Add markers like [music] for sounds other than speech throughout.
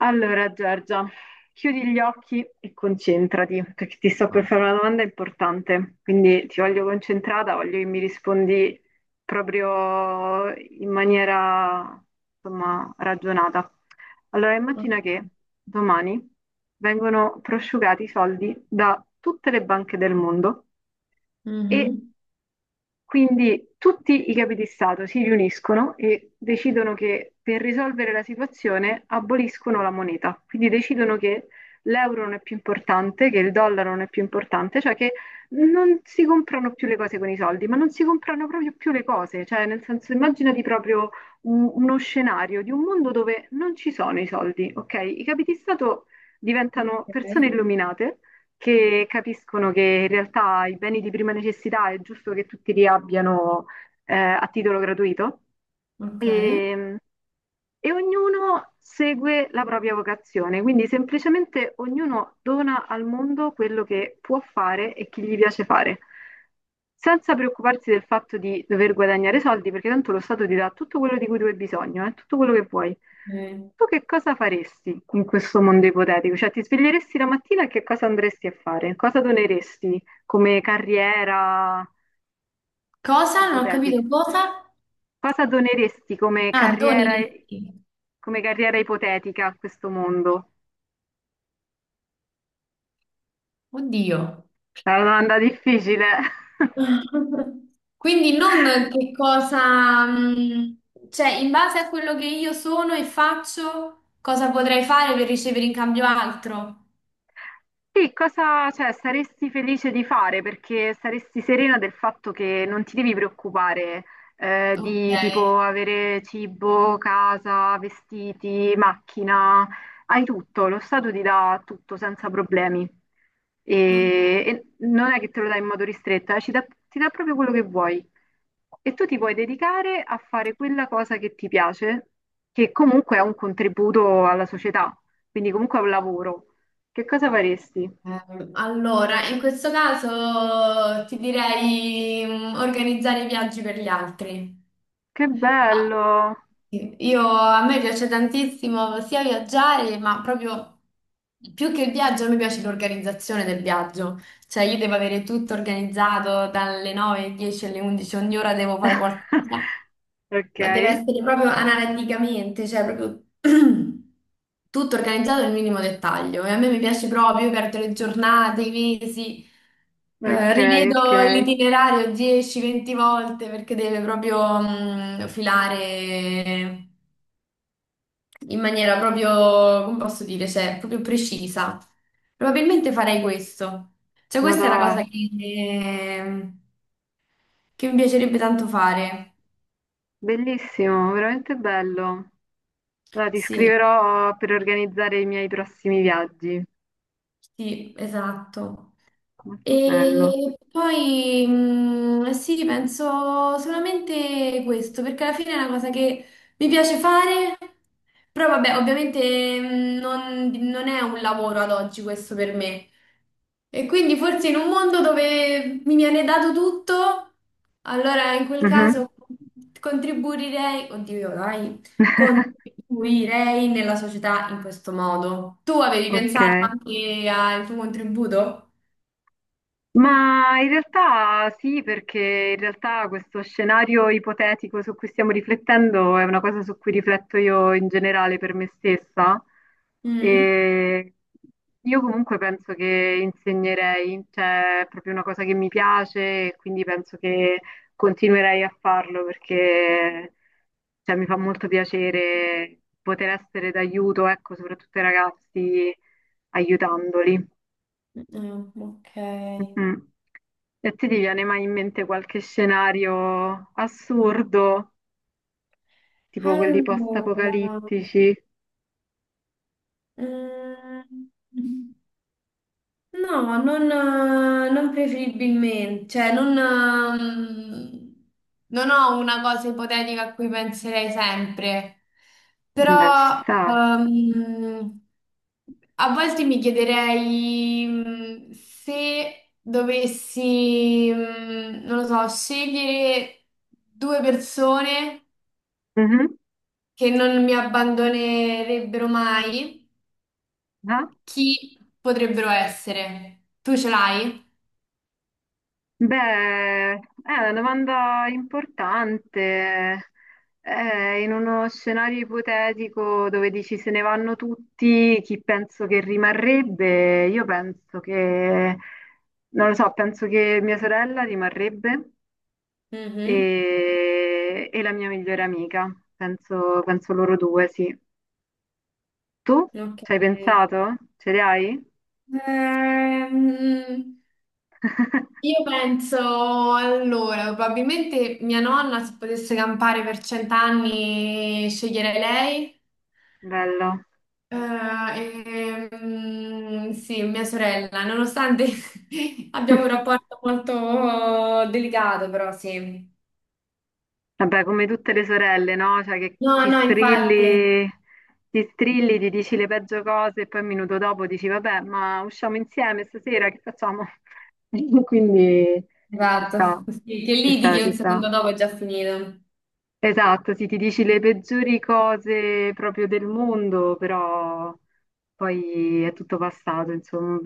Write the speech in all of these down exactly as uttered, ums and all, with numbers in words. Allora, Giorgia, chiudi gli occhi e concentrati, perché ti sto per fare una domanda importante, quindi ti voglio concentrata, voglio che mi rispondi proprio in maniera, insomma, ragionata. Allora, immagina che domani vengono prosciugati i soldi da tutte le banche del mondo e Mhm. quindi tutti i capi di Stato si riuniscono e decidono che per risolvere la situazione aboliscono la moneta. Quindi decidono che l'euro non è più importante, che il dollaro non è più importante, cioè che non si comprano più le cose con i soldi, ma non si comprano proprio più le cose. Cioè, nel senso, immaginati proprio un- uno scenario di un mondo dove non ci sono i soldi, ok? I capi di Stato diventano persone Ok. illuminate che capiscono che in realtà i beni di prima necessità è giusto che tutti li abbiano eh, a titolo gratuito. Ok. E, e ognuno segue la propria vocazione, quindi semplicemente ognuno dona al mondo quello che può fare e che gli piace fare, senza preoccuparsi del fatto di dover guadagnare soldi, perché tanto lo Stato ti dà tutto quello di cui tu hai bisogno, eh, tutto quello che vuoi. Eh, Tu che cosa faresti in questo mondo ipotetico? Cioè, ti sveglieresti la mattina e che cosa andresti a fare? Cosa doneresti come carriera Cosa? Non ho ipotetica? capito cosa? Cosa doneresti come Ah, doni carriera, ricchi. come carriera ipotetica a questo mondo? Oddio. È una domanda difficile. [laughs] [laughs] Quindi non che cosa, mh, cioè in base a quello che io sono e faccio, cosa potrei fare per ricevere in cambio altro? Sì, cosa, cioè, saresti felice di fare perché saresti serena del fatto che non ti devi preoccupare eh, Ok. di tipo avere cibo, casa, vestiti, macchina, hai tutto, lo Stato ti dà tutto senza problemi e, Ok. e non è che te lo dà in modo ristretto, eh, ci dà- ti dà proprio quello che vuoi e tu ti puoi dedicare a fare quella cosa che ti piace, che comunque è un contributo alla società, quindi comunque è un lavoro. Che cosa faresti? Ehm, Allora, in questo caso ti direi mh, organizzare i viaggi per gli altri. Che bello! Io, a me piace tantissimo sia viaggiare, ma proprio più che il viaggio, a me piace l'organizzazione del viaggio. Cioè, io devo avere tutto organizzato dalle nove alle dieci alle undici, ogni ora devo fare qualcosa. [laughs] Ok, Ma deve essere proprio analiticamente, cioè proprio [clears throat] tutto organizzato nel minimo dettaglio. E a me mi piace proprio, io perdo le giornate, i mesi, eh, ok, ok. rivedo l'itinerario dieci venti volte perché deve proprio mh, filare in maniera proprio, come posso dire, cioè proprio precisa. Probabilmente farei questo. Cioè questa è una Madò, cosa che, che mi piacerebbe tanto fare. bellissimo, veramente bello. Allora, ti Sì. scriverò per organizzare i miei prossimi viaggi. Sì, esatto. Molto bello. E poi mh, sì, penso solamente questo, perché alla fine è una cosa che mi piace fare, però vabbè, ovviamente mh, non, non è un lavoro ad oggi questo per me, e quindi forse in un mondo dove mi viene dato tutto, allora in quel Mhm. caso contribuirei, oddio, dai, contribuirei nella società in questo modo. Tu avevi Ok. pensato anche al tuo contributo? Ma in realtà sì, perché in realtà questo scenario ipotetico su cui stiamo riflettendo è una cosa su cui rifletto io in generale per me stessa. Mm? E io comunque penso che insegnerei, cioè è proprio una cosa che mi piace e quindi penso che continuerei a farlo perché cioè, mi fa molto piacere poter essere d'aiuto, ecco, soprattutto ai ragazzi, aiutandoli. Mm, ok. Mhm. E ti viene mai in mente qualche scenario assurdo, tipo quelli Allora, post-apocalittici? mm, no, non, eh, non preferibilmente, cioè non, ehm, non ho una cosa ipotetica a cui penserei sempre, Beh, ci però sta. ehm, a volte mi chiederei mm, se dovessi, mm, non lo so, scegliere due persone Mhm. che non mi abbandonerebbero mai, Ah. chi potrebbero essere? Tu ce l'hai? Beh, è una domanda importante. Eh, in uno scenario ipotetico dove dici se ne vanno tutti, chi penso che rimarrebbe? Io penso che, non lo so, penso che mia sorella rimarrebbe. Mhm. E, e la mia migliore amica. Penso, penso loro due, sì. Tu Ok. ci hai pensato? Ce li hai? Ehm, [laughs] io penso allora, probabilmente mia nonna se potesse campare per cent'anni sceglierei lei. Bello. Eh, ehm, sì, mia sorella, nonostante [laughs] abbiamo un rapporto [laughs] molto delicato, però sì. Vabbè, come tutte le sorelle, no? Cioè che No, ti no, infatti. strilli, ti strilli, ti dici le peggio cose e poi un minuto dopo dici, vabbè, ma usciamo insieme stasera, che facciamo? [laughs] Quindi ci Esatto, sta, sì, che ci sta, litighi ci un sta. secondo dopo è già finito. Esatto, sì, ti dici le peggiori cose proprio del mondo, però poi è tutto passato, insomma,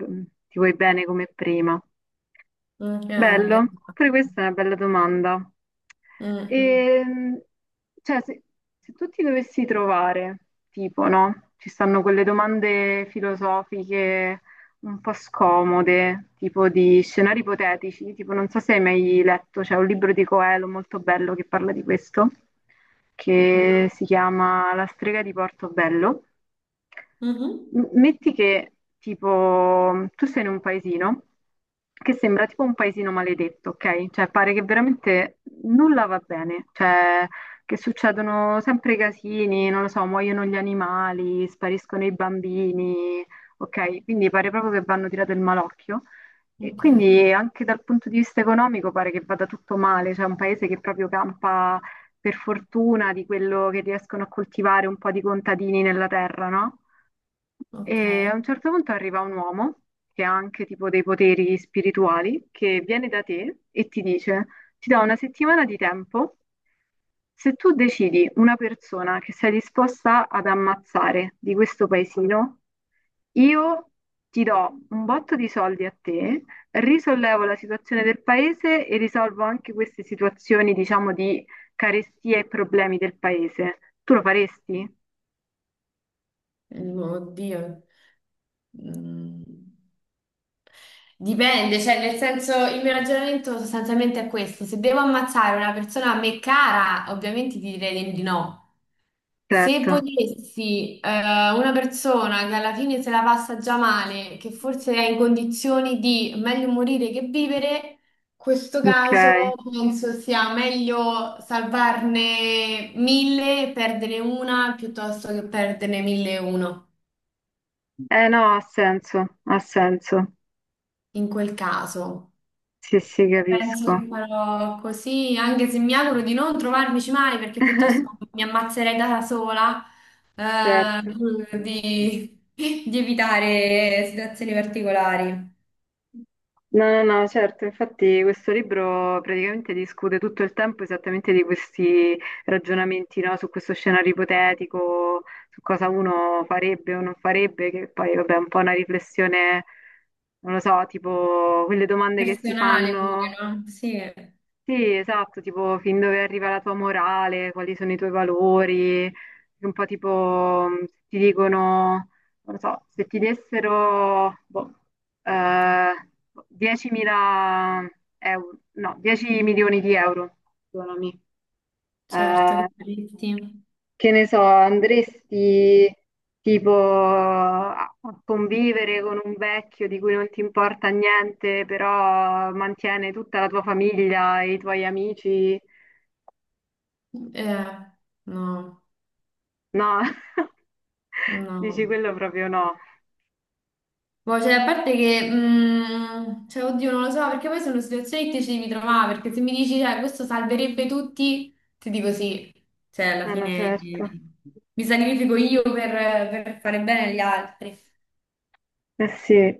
ti vuoi bene come prima. Ok, Bello, esatto. pure questa è una bella domanda. Mm, mm, Ehm, cioè, se, se tu ti dovessi trovare, tipo, no? Ci stanno quelle domande filosofiche un po' scomode, tipo di scenari ipotetici, tipo non so se hai mai letto, c'è un libro di Coelho molto bello che parla di questo, no. che si chiama La strega di Portobello. Mhm. M- Metti che tipo tu sei in un paesino che sembra tipo un paesino maledetto, ok? Cioè pare che veramente nulla va bene, cioè che succedono sempre casini, non lo so, muoiono gli animali, spariscono i bambini, ok? Quindi pare proprio che vanno tirato il malocchio. E Ok. quindi anche dal punto di vista economico pare che vada tutto male, cioè un paese che proprio campa per fortuna di quello che riescono a coltivare un po' di contadini nella terra, no? Ok, E a un certo punto arriva un uomo che ha anche tipo dei poteri spirituali che viene da te e ti dice: Ti do una settimana di tempo. Se tu decidi una persona che sei disposta ad ammazzare di questo paesino, io ti do un botto di soldi a te, risollevo la situazione del paese e risolvo anche queste situazioni, diciamo, di carestia e problemi del paese. Tu lo faresti? oddio. Mm. Dipende, cioè nel senso il mio ragionamento sostanzialmente è questo. Se devo ammazzare una persona a me cara, ovviamente ti direi di no. Se Certo. potessi, eh, una persona che alla fine se la passa già male, che forse è in condizioni di meglio morire che vivere, questo caso Ok. penso sia meglio salvarne mille e perdere una piuttosto che perderne mille e uno. Eh no, ha senso, ha senso. In quel caso, Sì, sì, penso che capisco. farò così, anche se mi auguro di non trovarmici male perché piuttosto [laughs] mi ammazzerei da sola, eh, Certo. di, di evitare situazioni particolari. No, no, no, certo, infatti questo libro praticamente discute tutto il tempo esattamente di questi ragionamenti, no, su questo scenario ipotetico, su cosa uno farebbe o non farebbe, che poi vabbè è un po' una riflessione, non lo so, tipo quelle domande che si Personale pure, fanno. no? Sì, Sì, esatto, tipo fin dove arriva la tua morale, quali sono i tuoi valori, un po' tipo mh, se ti dicono, non lo so, se ti dessero boh, eh, diecimila euro, no, dieci milioni di euro, perdonami, certo, eh, che tristi. che ne so, andresti tipo a a convivere con un vecchio di cui non ti importa niente, però mantiene tutta la tua famiglia e i tuoi amici. Eh, no, No, [laughs] dici no. quello proprio no. Boh, cioè, a parte che, mm, cioè, oddio, non lo so, perché poi sono situazioni che ti ci devi trovare, perché se mi dici, cioè, questo salverebbe tutti, ti dico sì, cioè, alla Eh no, fine certo. eh, mi sacrifico io per, per fare bene agli altri. Eh sì.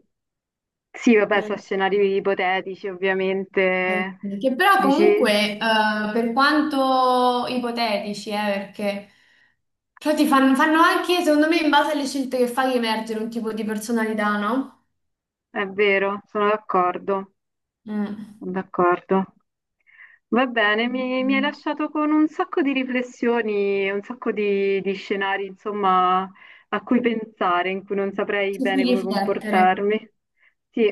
Sì, vabbè, sono Mm. scenari ipotetici, Eh, ovviamente. sì, che però Dici, comunque, eh, per quanto ipotetici, eh, perché però ti fanno, fanno, anche, secondo me, in base alle scelte che fai, emergere un tipo di personalità, no? è vero, sono d'accordo, Mm. sono d'accordo. Va bene, mi, mi hai Mm. lasciato con un sacco di riflessioni, un sacco di, di scenari, insomma, a cui pensare, in cui non saprei Ci bene si come riflettere. comportarmi. Sì,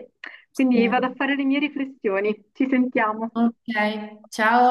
quindi vado a Sì. fare le mie riflessioni. Ci sentiamo. Ok, ciao.